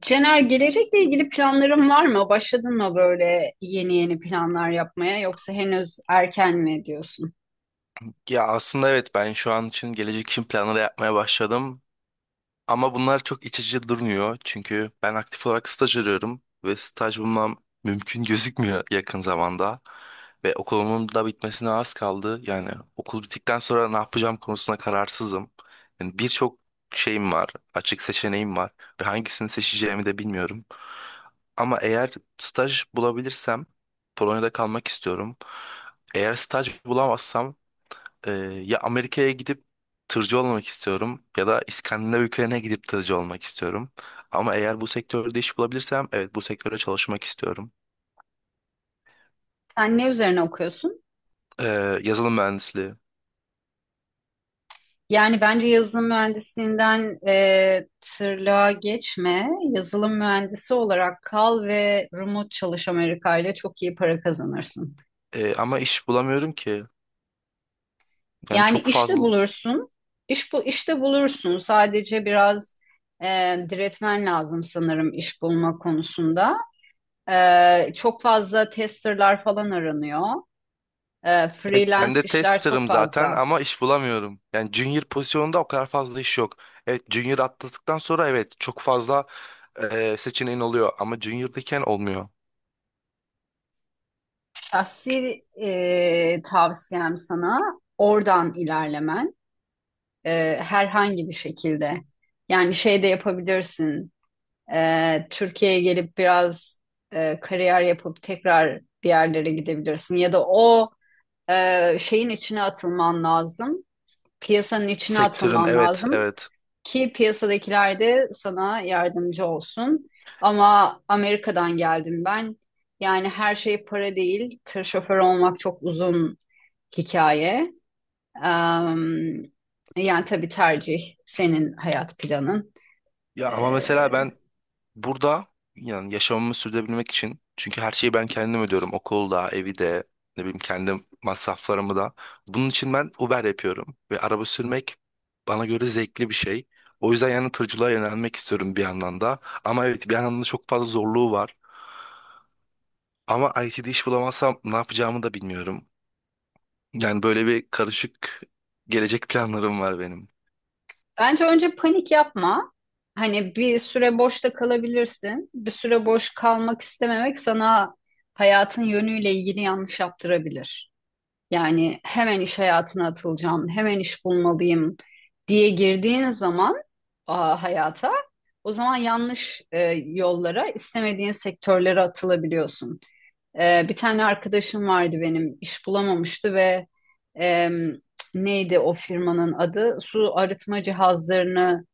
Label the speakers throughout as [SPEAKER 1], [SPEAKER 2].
[SPEAKER 1] Cener, gelecekle ilgili planların var mı? Başladın mı böyle yeni yeni planlar yapmaya yoksa henüz erken mi diyorsun?
[SPEAKER 2] Ya aslında evet ben şu an için gelecek için planları yapmaya başladım. Ama bunlar çok iç açıcı durmuyor. Çünkü ben aktif olarak staj arıyorum ve staj bulmam mümkün gözükmüyor yakın zamanda. Ve okulumun da bitmesine az kaldı. Yani okul bittikten sonra ne yapacağım konusunda kararsızım. Yani birçok şeyim var, açık seçeneğim var ve hangisini seçeceğimi de bilmiyorum. Ama eğer staj bulabilirsem Polonya'da kalmak istiyorum. Eğer staj bulamazsam ee, ya Amerika'ya gidip tırcı olmak istiyorum ya da İskandinav ülkelerine gidip tırcı olmak istiyorum. Ama eğer bu sektörde iş bulabilirsem evet bu sektöre çalışmak istiyorum.
[SPEAKER 1] Sen ne üzerine okuyorsun?
[SPEAKER 2] Yazılım mühendisliği.
[SPEAKER 1] Yani bence yazılım mühendisliğinden tırlığa geçme. Yazılım mühendisi olarak kal ve remote çalış Amerika ile çok iyi para kazanırsın.
[SPEAKER 2] Ama iş bulamıyorum ki. Yani
[SPEAKER 1] Yani
[SPEAKER 2] çok
[SPEAKER 1] işte
[SPEAKER 2] fazla...
[SPEAKER 1] bulursun. İş bu işte bulursun. Sadece biraz e, diretmen lazım sanırım iş bulma konusunda. Çok fazla testerlar falan aranıyor.
[SPEAKER 2] Evet, ben
[SPEAKER 1] Freelance
[SPEAKER 2] de
[SPEAKER 1] işler çok
[SPEAKER 2] testerım zaten
[SPEAKER 1] fazla.
[SPEAKER 2] ama iş bulamıyorum. Yani junior pozisyonunda o kadar fazla iş yok. Evet, junior atladıktan sonra evet çok fazla seçeneğin oluyor ama junior'dayken olmuyor.
[SPEAKER 1] Şahsi tavsiyem sana oradan ilerlemen, herhangi bir şekilde. Yani şey de yapabilirsin. Türkiye'ye gelip biraz kariyer yapıp tekrar bir yerlere gidebilirsin. Ya da o şeyin içine atılman lazım. Piyasanın içine
[SPEAKER 2] Sektörün,
[SPEAKER 1] atılman
[SPEAKER 2] evet
[SPEAKER 1] lazım.
[SPEAKER 2] evet.
[SPEAKER 1] Ki piyasadakiler de sana yardımcı olsun. Ama Amerika'dan geldim ben. Yani her şey para değil. Tır şoförü olmak çok uzun hikaye. Em, yani tabii tercih senin hayat planın.
[SPEAKER 2] Ya ama
[SPEAKER 1] Ee,
[SPEAKER 2] mesela ben burada yani yaşamımı sürdürebilmek için, çünkü her şeyi ben kendim ödüyorum. Okulu da, evi de, ne bileyim kendi masraflarımı da. Bunun için ben Uber yapıyorum ve araba sürmek bana göre zevkli bir şey. O yüzden yani tırcılığa yönelmek istiyorum bir yandan da. Ama evet bir yandan da çok fazla zorluğu var. Ama IT'de iş bulamazsam ne yapacağımı da bilmiyorum. Yani böyle bir karışık gelecek planlarım var benim.
[SPEAKER 1] Bence önce panik yapma. Hani bir süre boşta kalabilirsin. Bir süre boş kalmak istememek sana hayatın yönüyle ilgili yanlış yaptırabilir. Yani hemen iş hayatına atılacağım, hemen iş bulmalıyım diye girdiğin zaman hayata, o zaman yanlış, yollara, istemediğin sektörlere atılabiliyorsun. Bir tane arkadaşım vardı benim iş bulamamıştı ve em, neydi o firmanın adı? Su arıtma cihazlarını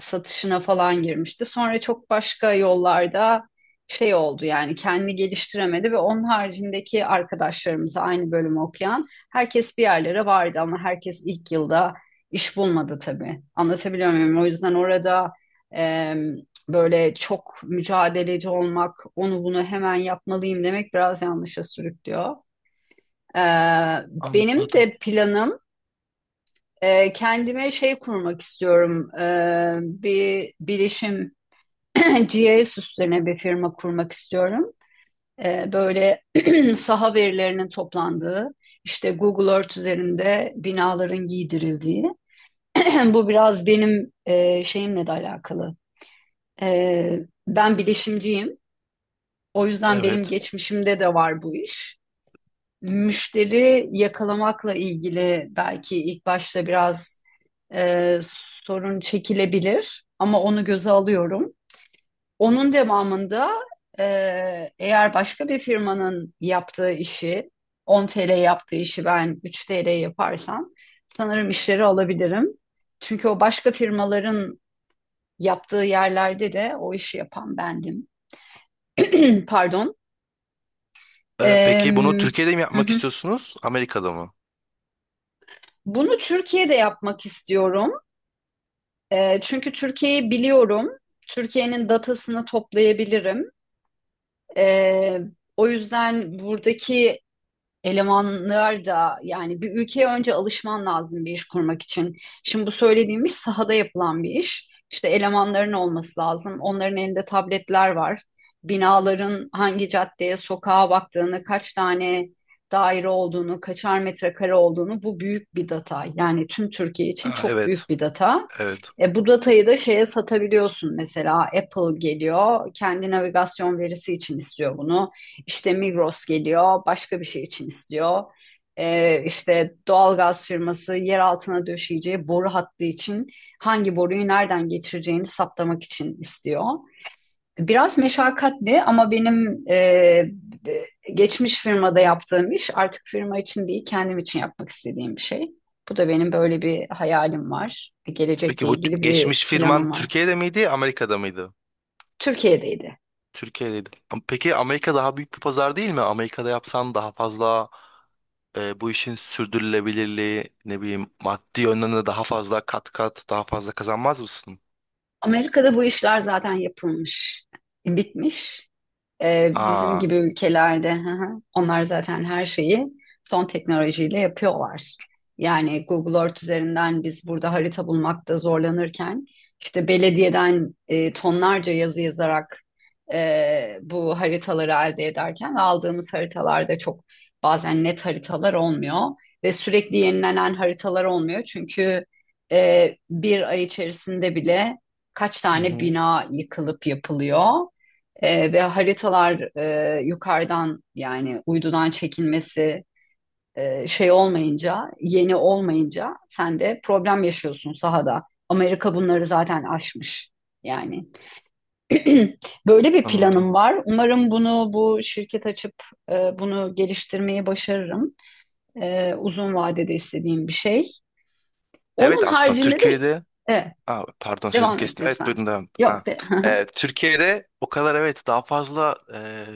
[SPEAKER 1] satışına falan girmişti. Sonra çok başka yollarda şey oldu yani kendini geliştiremedi ve onun haricindeki arkadaşlarımız aynı bölümü okuyan herkes bir yerlere vardı ama herkes ilk yılda iş bulmadı tabii. Anlatabiliyor muyum? O yüzden orada e, böyle çok mücadeleci olmak, onu bunu hemen yapmalıyım demek biraz yanlışa sürüklüyor. Ee, Benim
[SPEAKER 2] Anladım.
[SPEAKER 1] de planım, kendime şey kurmak istiyorum. Bir bilişim GIS üstüne bir firma kurmak istiyorum. Böyle saha verilerinin toplandığı, işte Google Earth üzerinde binaların giydirildiği. Bu biraz benim şeyimle de alakalı. Ee, Ben bilişimciyim. O yüzden benim
[SPEAKER 2] Evet.
[SPEAKER 1] geçmişimde de var bu iş. Müşteri yakalamakla ilgili belki ilk başta biraz e, sorun çekilebilir ama onu göze alıyorum. Onun devamında e, eğer başka bir firmanın yaptığı işi 10 TL yaptığı işi ben 3 TL yaparsam sanırım işleri alabilirim. Çünkü o başka firmaların yaptığı yerlerde de o işi yapan bendim. Pardon.
[SPEAKER 2] Peki bunu
[SPEAKER 1] Em,
[SPEAKER 2] Türkiye'de mi yapmak istiyorsunuz? Amerika'da mı?
[SPEAKER 1] Bunu Türkiye'de yapmak istiyorum. Çünkü Türkiye'yi biliyorum. Türkiye'nin datasını toplayabilirim. Ee, O yüzden buradaki elemanlar da yani bir ülkeye önce alışman lazım bir iş kurmak için. Şimdi bu söylediğim iş sahada yapılan bir iş. İşte elemanların olması lazım. Onların elinde tabletler var. Binaların hangi caddeye, sokağa baktığını, kaç tane daire olduğunu, kaçar metrekare olduğunu bu büyük bir data. Yani tüm Türkiye için
[SPEAKER 2] Aa,
[SPEAKER 1] çok
[SPEAKER 2] evet.
[SPEAKER 1] büyük bir data.
[SPEAKER 2] Evet.
[SPEAKER 1] E, bu datayı da şeye satabiliyorsun mesela Apple geliyor kendi navigasyon verisi için istiyor bunu. İşte Migros geliyor, başka bir şey için istiyor. İşte doğalgaz firması yer altına döşeyeceği boru hattı için hangi boruyu nereden geçireceğini saptamak için istiyor. Biraz meşakkatli ama benim, geçmiş firmada yaptığım iş artık firma için değil kendim için yapmak istediğim bir şey. Bu da benim böyle bir hayalim var. Gelecekle
[SPEAKER 2] Peki bu
[SPEAKER 1] ilgili bir
[SPEAKER 2] geçmiş
[SPEAKER 1] planım
[SPEAKER 2] firman
[SPEAKER 1] var.
[SPEAKER 2] Türkiye'de miydi, Amerika'da mıydı?
[SPEAKER 1] Türkiye'deydi.
[SPEAKER 2] Türkiye'deydi. Peki Amerika daha büyük bir pazar değil mi? Amerika'da yapsan daha fazla, bu işin sürdürülebilirliği, ne bileyim maddi yönden de daha fazla, kat kat daha fazla kazanmaz mısın?
[SPEAKER 1] Amerika'da bu işler zaten yapılmış, bitmiş. Bizim
[SPEAKER 2] Aa,
[SPEAKER 1] gibi ülkelerde hı hı. Onlar zaten her şeyi son teknolojiyle yapıyorlar. Yani Google Earth üzerinden biz burada harita bulmakta zorlanırken işte belediyeden tonlarca yazı yazarak, bu haritaları elde ederken aldığımız haritalarda çok bazen net haritalar olmuyor ve sürekli yenilenen haritalar olmuyor. Çünkü bir ay içerisinde bile kaç
[SPEAKER 2] hı
[SPEAKER 1] tane
[SPEAKER 2] hı,
[SPEAKER 1] bina yıkılıp yapılıyor. Ve haritalar, yukarıdan yani uydudan çekilmesi, şey olmayınca, yeni olmayınca sen de problem yaşıyorsun sahada. Amerika bunları zaten aşmış yani. Böyle bir
[SPEAKER 2] anladım.
[SPEAKER 1] planım var. Umarım bunu bu şirket açıp bunu geliştirmeyi başarırım. E, uzun vadede istediğim bir şey. Onun
[SPEAKER 2] Evet, aslında
[SPEAKER 1] haricinde de
[SPEAKER 2] Türkiye'de.
[SPEAKER 1] e,
[SPEAKER 2] Aa, pardon sözünü
[SPEAKER 1] devam et
[SPEAKER 2] kestim. Evet
[SPEAKER 1] lütfen.
[SPEAKER 2] buyurun devam.
[SPEAKER 1] Yok
[SPEAKER 2] Ha.
[SPEAKER 1] de.
[SPEAKER 2] Türkiye'de o kadar evet daha fazla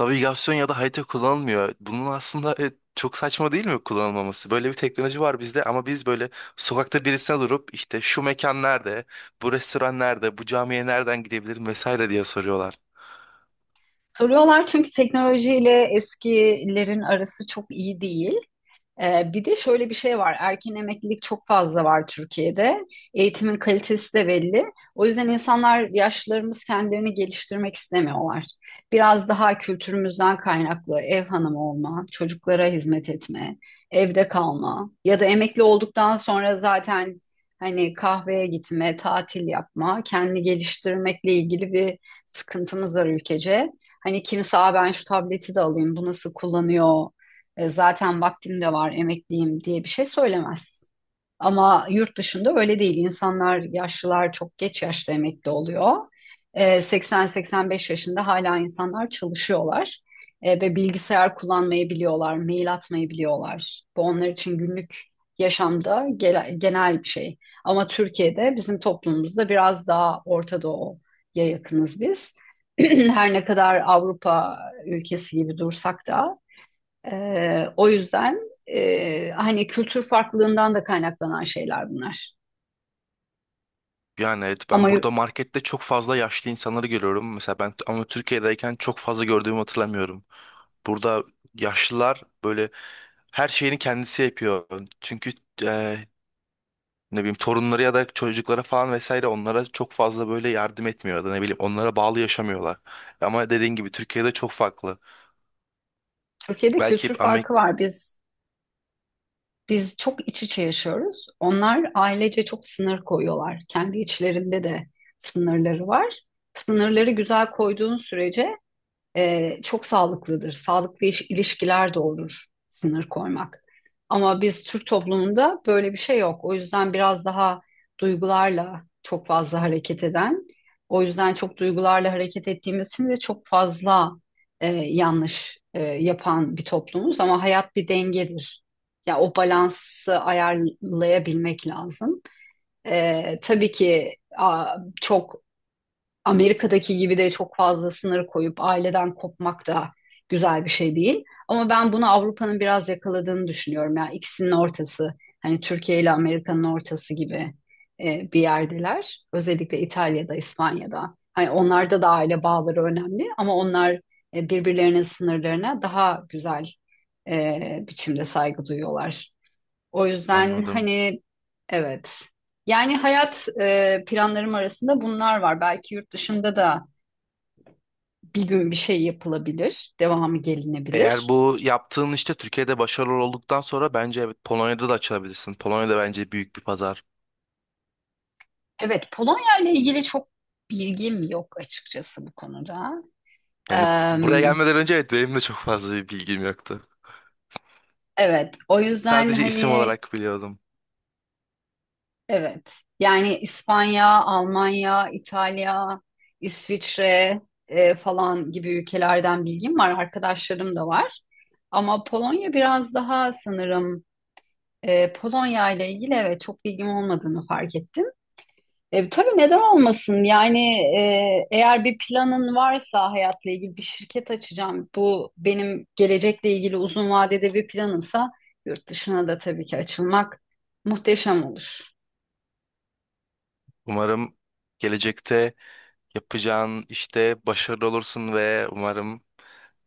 [SPEAKER 2] navigasyon ya da harita kullanılmıyor. Bunun aslında çok saçma değil mi kullanılmaması? Böyle bir teknoloji var bizde ama biz böyle sokakta birisine durup, işte şu mekan nerede, bu restoran nerede, bu camiye nereden gidebilirim vesaire diye soruyorlar.
[SPEAKER 1] Soruyorlar çünkü teknolojiyle eskilerin arası çok iyi değil. Bir de şöyle bir şey var. Erken emeklilik çok fazla var Türkiye'de. Eğitimin kalitesi de belli. O yüzden insanlar yaşlılarımız kendilerini geliştirmek istemiyorlar. Biraz daha kültürümüzden kaynaklı ev hanımı olma, çocuklara hizmet etme, evde kalma ya da emekli olduktan sonra zaten hani kahveye gitme, tatil yapma, kendini geliştirmekle ilgili bir sıkıntımız var ülkece. Hani kimse "Aa, ben şu tableti de alayım, bu nasıl kullanıyor? Zaten vaktim de var, emekliyim diye bir şey söylemez. Ama yurt dışında öyle değil. İnsanlar, yaşlılar çok geç yaşta emekli oluyor. E, 80-85 yaşında hala insanlar çalışıyorlar. E, ve bilgisayar kullanmayı biliyorlar, mail atmayı biliyorlar. Bu onlar için günlük yaşamda genel bir şey. Ama Türkiye'de bizim toplumumuzda biraz daha Orta Doğu'ya yakınız biz. Her ne kadar Avrupa ülkesi gibi dursak da o yüzden, hani kültür farklılığından da kaynaklanan şeyler bunlar.
[SPEAKER 2] Yani evet ben
[SPEAKER 1] Ama
[SPEAKER 2] burada markette çok fazla yaşlı insanları görüyorum. Mesela ben ama Türkiye'deyken çok fazla gördüğümü hatırlamıyorum. Burada yaşlılar böyle her şeyini kendisi yapıyor. Çünkü e, ne bileyim torunları ya da çocuklara falan vesaire onlara çok fazla böyle yardım etmiyor ya da ne bileyim onlara bağlı yaşamıyorlar. Ama dediğin gibi Türkiye'de çok farklı.
[SPEAKER 1] Türkiye'de
[SPEAKER 2] Belki
[SPEAKER 1] kültür farkı
[SPEAKER 2] Amerik
[SPEAKER 1] var. Biz çok iç içe yaşıyoruz. Onlar ailece çok sınır koyuyorlar. Kendi içlerinde de sınırları var. Sınırları güzel koyduğun sürece, çok sağlıklıdır. Sağlıklı ilişkiler doğurur sınır koymak. Ama biz Türk toplumunda böyle bir şey yok. O yüzden biraz daha duygularla çok fazla hareket eden, o yüzden çok duygularla hareket ettiğimiz için de çok fazla, yanlış, yapan bir toplumuz. Ama hayat bir dengedir. Ya o balansı ayarlayabilmek lazım. E, tabii ki, çok Amerika'daki gibi de çok fazla sınır koyup aileden kopmak da güzel bir şey değil. Ama ben bunu Avrupa'nın biraz yakaladığını düşünüyorum. Yani ikisinin ortası, hani Türkiye ile Amerika'nın ortası gibi, bir yerdeler. Özellikle İtalya'da, İspanya'da. Hani onlarda da aile bağları önemli ama onlar birbirlerinin sınırlarına daha güzel biçimde saygı duyuyorlar. O yüzden
[SPEAKER 2] anladım.
[SPEAKER 1] hani evet. Yani hayat, planlarım arasında bunlar var. Belki yurt dışında da bir gün bir şey yapılabilir, devamı
[SPEAKER 2] Eğer
[SPEAKER 1] gelinebilir.
[SPEAKER 2] bu yaptığın işte Türkiye'de başarılı olduktan sonra bence evet Polonya'da da açılabilirsin. Polonya'da bence büyük bir pazar.
[SPEAKER 1] Evet, Polonya ile ilgili çok bilgim yok açıkçası bu konuda.
[SPEAKER 2] Yani
[SPEAKER 1] Em,
[SPEAKER 2] buraya gelmeden önce evet benim de çok fazla bir bilgim yoktu.
[SPEAKER 1] evet, o yüzden
[SPEAKER 2] Sadece isim
[SPEAKER 1] hani
[SPEAKER 2] olarak biliyordum.
[SPEAKER 1] evet. Yani İspanya, Almanya, İtalya, İsviçre falan gibi ülkelerden bilgim var. Arkadaşlarım da var. Ama Polonya biraz daha sanırım E, Polonya ile ilgili evet çok bilgim olmadığını fark ettim. E, tabii neden olmasın? Yani eğer bir planın varsa hayatla ilgili bir şirket açacağım. Bu benim gelecekle ilgili uzun vadede bir planımsa yurt dışına da tabii ki açılmak muhteşem olur.
[SPEAKER 2] Umarım gelecekte yapacağın işte başarılı olursun ve umarım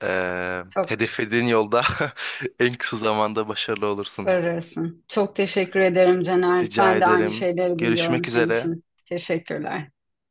[SPEAKER 1] Çok
[SPEAKER 2] hedeflediğin yolda en kısa zamanda başarılı olursun.
[SPEAKER 1] ararısın. Çok teşekkür ederim Caner.
[SPEAKER 2] Rica
[SPEAKER 1] Ben de aynı
[SPEAKER 2] ederim.
[SPEAKER 1] şeyleri diliyorum
[SPEAKER 2] Görüşmek
[SPEAKER 1] senin
[SPEAKER 2] üzere.
[SPEAKER 1] için. Teşekkürler.